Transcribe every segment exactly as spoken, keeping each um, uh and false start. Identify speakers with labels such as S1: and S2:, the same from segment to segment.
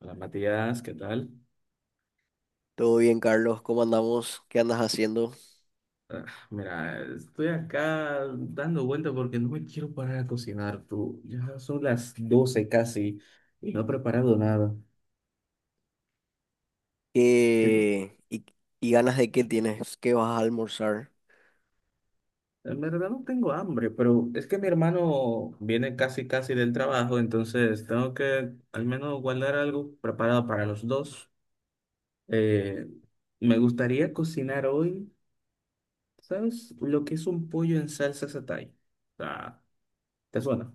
S1: Hola Matías, ¿qué tal?
S2: Todo bien, Carlos, ¿cómo andamos? ¿Qué andas haciendo?
S1: Mira, estoy acá dando vuelta porque no me quiero parar a cocinar, tú. Ya son las doce casi y no he preparado nada. ¿Y tú?
S2: ¿Qué... ¿Y, y ganas de qué tienes? ¿Qué vas a almorzar?
S1: En verdad no tengo hambre, pero es que mi hermano viene casi casi del trabajo, entonces tengo que al menos guardar algo preparado para los dos. Eh, Me gustaría cocinar hoy, ¿sabes? Lo que es un pollo en salsa satay. Ah, ¿Te suena?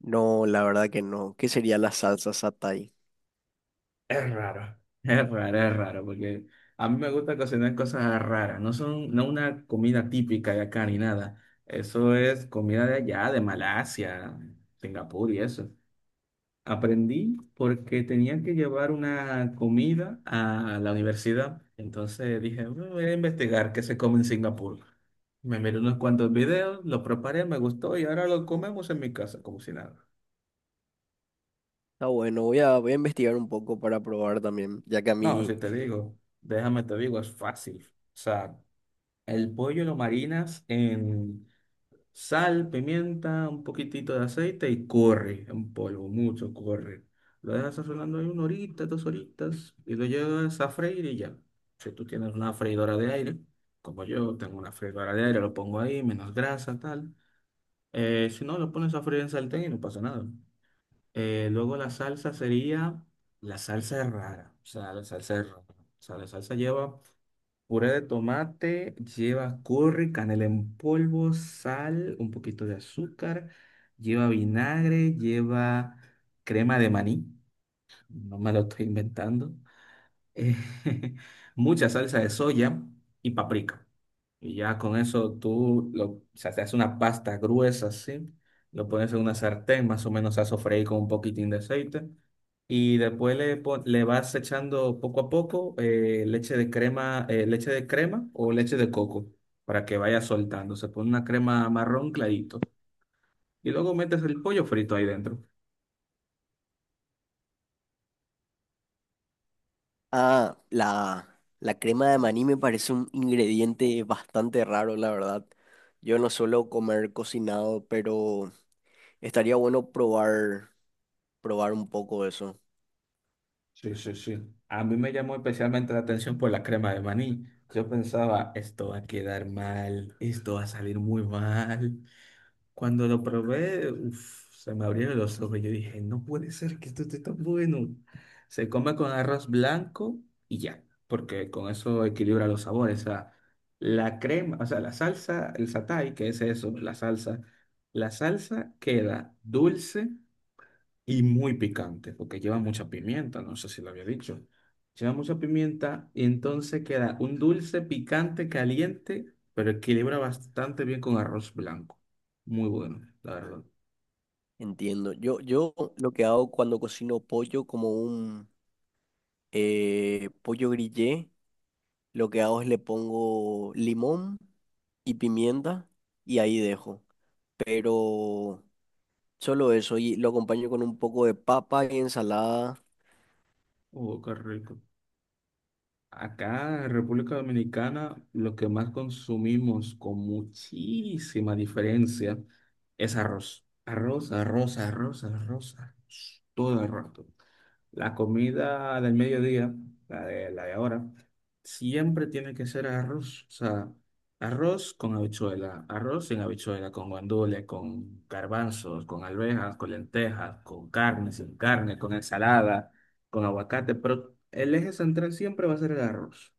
S2: No, la verdad que no. ¿Qué sería la salsa satay?
S1: Es raro, es raro, es raro, porque a mí me gusta cocinar cosas raras, no son, no una comida típica de acá ni nada. Eso es comida de allá, de Malasia, Singapur y eso. Aprendí porque tenían que llevar una comida a la universidad. Entonces dije, "Bueno, voy a investigar qué se come en Singapur. Me miré unos cuantos videos, lo preparé, me gustó y ahora lo comemos en mi casa, como si nada."
S2: Está bueno, voy a, voy a investigar un poco para probar también, ya que a
S1: No,
S2: mí...
S1: si te digo, déjame te digo, es fácil. O sea, el pollo lo marinas en sal, pimienta, un poquitito de aceite y corre en polvo, mucho corre. Lo dejas sazonando ahí una horita, dos horitas y lo llevas a freír y ya. Si tú tienes una freidora de aire, como yo tengo una freidora de aire, lo pongo ahí, menos grasa, tal. Eh, si no, lo pones a freír en sartén y no pasa nada. Eh, luego la salsa sería, La salsa es rara, o sea, la salsa es rara. O sea, la salsa lleva puré de tomate, lleva curry, canela en polvo, sal, un poquito de azúcar, lleva vinagre, lleva crema de maní, no me lo estoy inventando, eh, mucha salsa de soya y paprika. Y ya con eso tú lo, o sea, te haces una pasta gruesa así, lo pones en una sartén, más o menos a sofreír con un poquitín de aceite. Y después le, pon- le vas echando poco a poco eh, leche de crema, eh, leche de crema o leche de coco para que vaya soltando. Se pone una crema marrón clarito. Y luego metes el pollo frito ahí dentro.
S2: Ah, la, la crema de maní me parece un ingrediente bastante raro, la verdad. Yo no suelo comer cocinado, pero estaría bueno probar, probar un poco eso.
S1: Sí, sí, sí. A mí me llamó especialmente la atención por la crema de maní. Yo pensaba, esto va a quedar mal, esto va a salir muy mal. Cuando lo probé, uf, se me abrieron los ojos. Yo dije, no puede ser que esto esté tan bueno. Se come con arroz blanco y ya, porque con eso equilibra los sabores. O sea, la crema, o sea, la salsa, el satay, que es eso, la salsa. La salsa queda dulce y muy picante, porque lleva mucha pimienta, no sé si lo había dicho. Lleva mucha pimienta y entonces queda un dulce picante caliente, pero equilibra bastante bien con arroz blanco. Muy bueno, la verdad.
S2: Entiendo. Yo, yo lo que hago cuando cocino pollo como un eh, pollo grillé, lo que hago es le pongo limón y pimienta y ahí dejo. Pero solo eso y lo acompaño con un poco de papa y ensalada,
S1: Oh, qué rico. Acá en República Dominicana lo que más consumimos con muchísima diferencia es arroz. Arroz, arroz, arroz, arroz, arroz, todo el rato. La comida del mediodía, la de, la de ahora, siempre tiene que ser arroz. O sea, arroz con habichuela, arroz sin habichuela, con guandules, con garbanzos, con alvejas, con lentejas, con carne, sin carne, con ensalada, con aguacate. Pero el eje central siempre va a ser el arroz.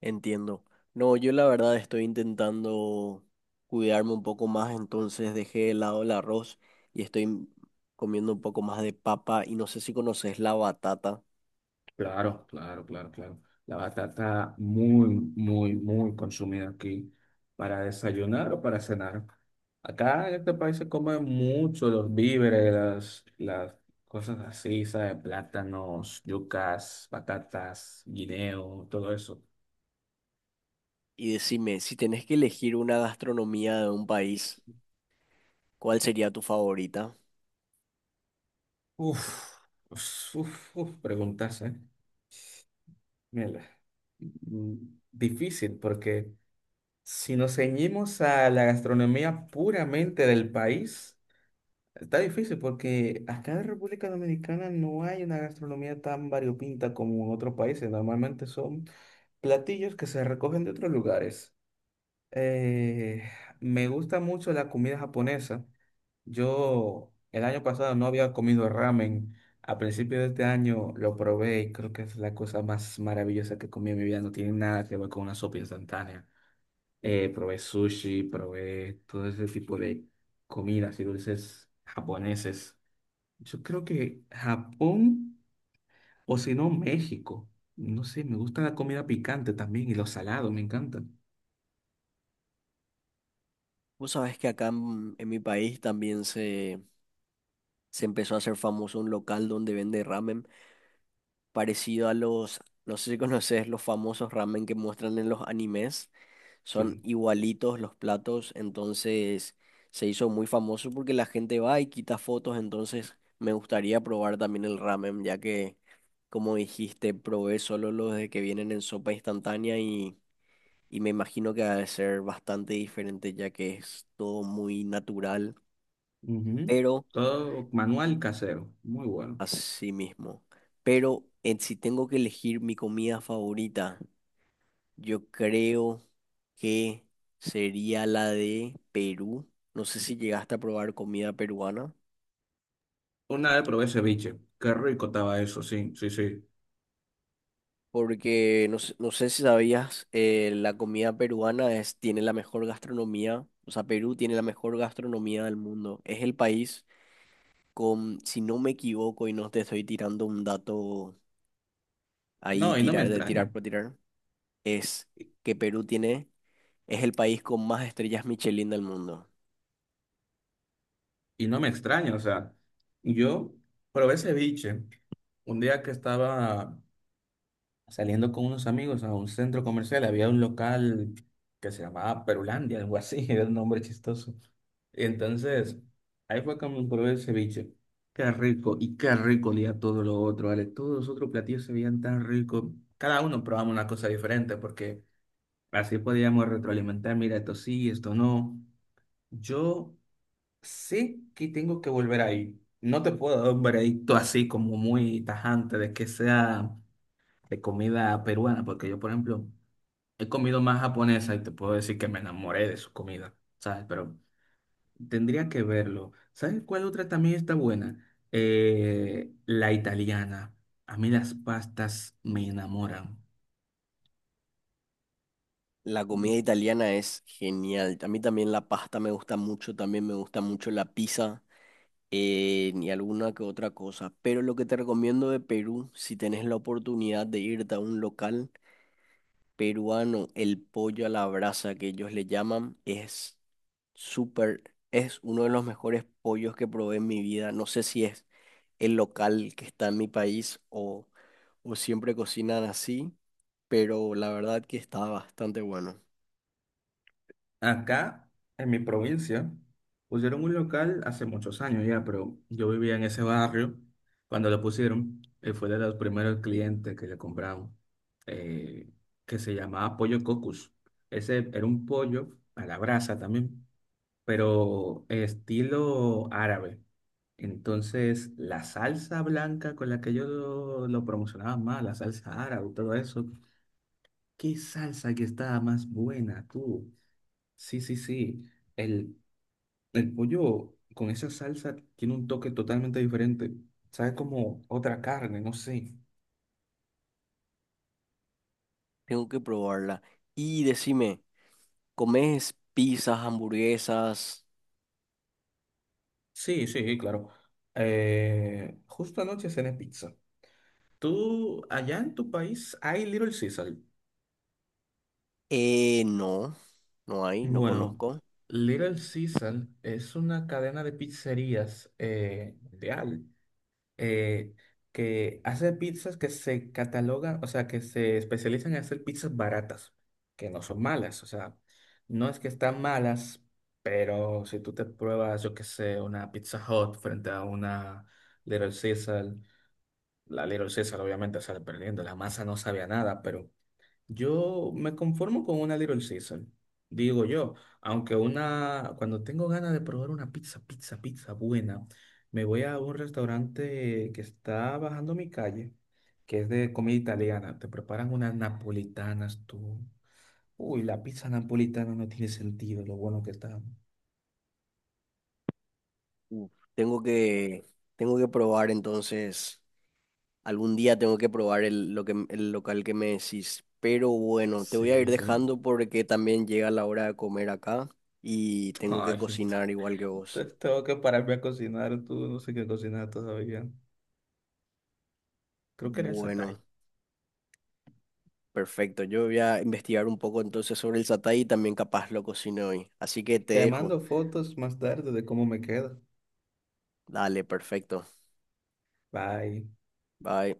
S2: entiendo. No, yo la verdad estoy intentando cuidarme un poco más, entonces dejé de lado el arroz y estoy comiendo un poco más de papa y no sé si conoces la batata.
S1: Claro, claro, claro, claro. La batata muy, muy, muy consumida aquí para desayunar o para cenar. Acá en este país se comen mucho los víveres, las, las cosas así, ¿sabes? Plátanos, yucas, patatas, guineo, todo eso.
S2: Y decime, si tenés que elegir una gastronomía de un país, ¿cuál sería tu favorita?
S1: Uf, uf, uf, uf, preguntas, ¿eh? Mírala. Mm, Difícil, porque si nos ceñimos a la gastronomía puramente del país, está difícil porque acá en República Dominicana no hay una gastronomía tan variopinta como en otros países. Normalmente son platillos que se recogen de otros lugares. Eh, Me gusta mucho la comida japonesa. Yo el año pasado no había comido ramen. A principio de este año lo probé y creo que es la cosa más maravillosa que comí en mi vida. No tiene nada que ver con una sopa instantánea. Eh, probé sushi, probé todo ese tipo de comidas y dulces japoneses. Yo creo que Japón o si no México. No sé, me gusta la comida picante también y los salados, me encantan.
S2: Vos sabés que acá en, en mi país también se, se empezó a hacer famoso un local donde vende ramen parecido a los, no sé si conoces los famosos ramen que muestran en los animes, son
S1: Sí.
S2: igualitos los platos, entonces se hizo muy famoso porque la gente va y quita fotos, entonces me gustaría probar también el ramen, ya que como dijiste, probé solo los de que vienen en sopa instantánea y, y me imagino que ha de ser bastante diferente ya que es todo muy natural.
S1: Ujú.
S2: Pero,
S1: Todo manual casero, muy bueno.
S2: así mismo. Pero en- si tengo que elegir mi comida favorita, yo creo que sería la de Perú. No sé si llegaste a probar comida peruana,
S1: Una vez probé ceviche, qué rico estaba eso, sí, sí, sí.
S2: porque no, sé no sé si sabías, eh, la comida peruana es, tiene la mejor gastronomía. O sea, Perú tiene la mejor gastronomía del mundo. Es el país con, si no me equivoco y no te estoy tirando un dato ahí,
S1: No, y no me
S2: tirar de
S1: extraña.
S2: tirar por tirar, es
S1: Y,
S2: que Perú tiene. Es el país con más estrellas Michelin del mundo.
S1: y no me extraña, o sea, yo probé ceviche un día que estaba saliendo con unos amigos a un centro comercial, había un local que se llamaba Perulandia, algo así, era un nombre chistoso. Entonces, ahí fue cuando me probé el ceviche. Qué rico, y qué rico olía todo lo otro, ¿vale? Todos los otros platillos se veían tan ricos. Cada uno probamos una cosa diferente porque así podíamos retroalimentar, mira, esto sí, esto no. Yo sé que tengo que volver ahí. No te puedo dar un veredicto así como muy tajante de que sea de comida peruana, porque yo, por ejemplo, he comido más japonesa y te puedo decir que me enamoré de su comida, ¿sabes? Pero tendría que verlo. ¿Sabes cuál otra también está buena? Eh, la italiana. A mí las pastas me enamoran.
S2: La comida italiana es genial. A mí también la pasta me gusta mucho, también me gusta mucho la pizza, eh, y alguna que otra cosa. Pero lo que te recomiendo de Perú, si tenés la oportunidad de irte a un local peruano, el pollo a la brasa que ellos le llaman, es súper, es uno de los mejores pollos que probé en mi vida. No sé si es el local que está en mi país o, o siempre cocinan así. Pero la verdad que está bastante bueno.
S1: Acá, en mi provincia, pusieron un local hace muchos años ya, pero yo vivía en ese barrio cuando lo pusieron. Y fue de los primeros clientes que le compraron, eh, que se llamaba Pollo Cocus. Ese era un pollo a la brasa también, pero estilo árabe. Entonces, la salsa blanca con la que yo lo, lo promocionaba más, la salsa árabe, todo eso, ¿qué salsa que estaba más buena, tú? Sí, sí, sí. El, el pollo con esa salsa tiene un toque totalmente diferente. Sabe como otra carne, no sé.
S2: Tengo que probarla. Y decime, ¿comes pizzas, hamburguesas?
S1: Sí, sí, claro. Eh, justo anoche cené pizza. ¿Tú, allá en tu país, hay Little Caesar?
S2: Eh, no, no hay, no
S1: Bueno,
S2: conozco.
S1: Little Caesar es una cadena de pizzerías eh, mundial. eh, que hace pizzas que se catalogan, o sea, que se especializan en hacer pizzas baratas, que no son malas, o sea, no es que están malas, pero si tú te pruebas, yo qué sé, una Pizza Hut frente a una Little Caesar, la Little Caesar obviamente sale perdiendo, la masa no sabía nada, pero yo me conformo con una Little Caesar, digo yo, aunque una, cuando tengo ganas de probar una pizza, pizza, pizza buena, me voy a un restaurante que está bajando mi calle, que es de comida italiana, te preparan unas napolitanas, tú. Uy, la pizza napolitana no tiene sentido, lo bueno que está.
S2: Uf, Tengo que, tengo que probar entonces, algún día tengo que probar el, lo que, el local que me decís. Pero bueno, te voy a
S1: Sí,
S2: ir
S1: sí.
S2: dejando porque también llega la hora de comer acá y tengo que
S1: Ay, esto-
S2: cocinar igual que
S1: te-
S2: vos.
S1: tengo que pararme a cocinar, tú, no sé qué cocinar todavía. Creo que era esa
S2: Bueno.
S1: talla.
S2: Perfecto, yo voy a investigar un poco entonces sobre el satay y también capaz lo cocino hoy. Así que te
S1: Te
S2: dejo.
S1: mando fotos más tarde de cómo me queda.
S2: Dale, perfecto.
S1: Bye.
S2: Bye.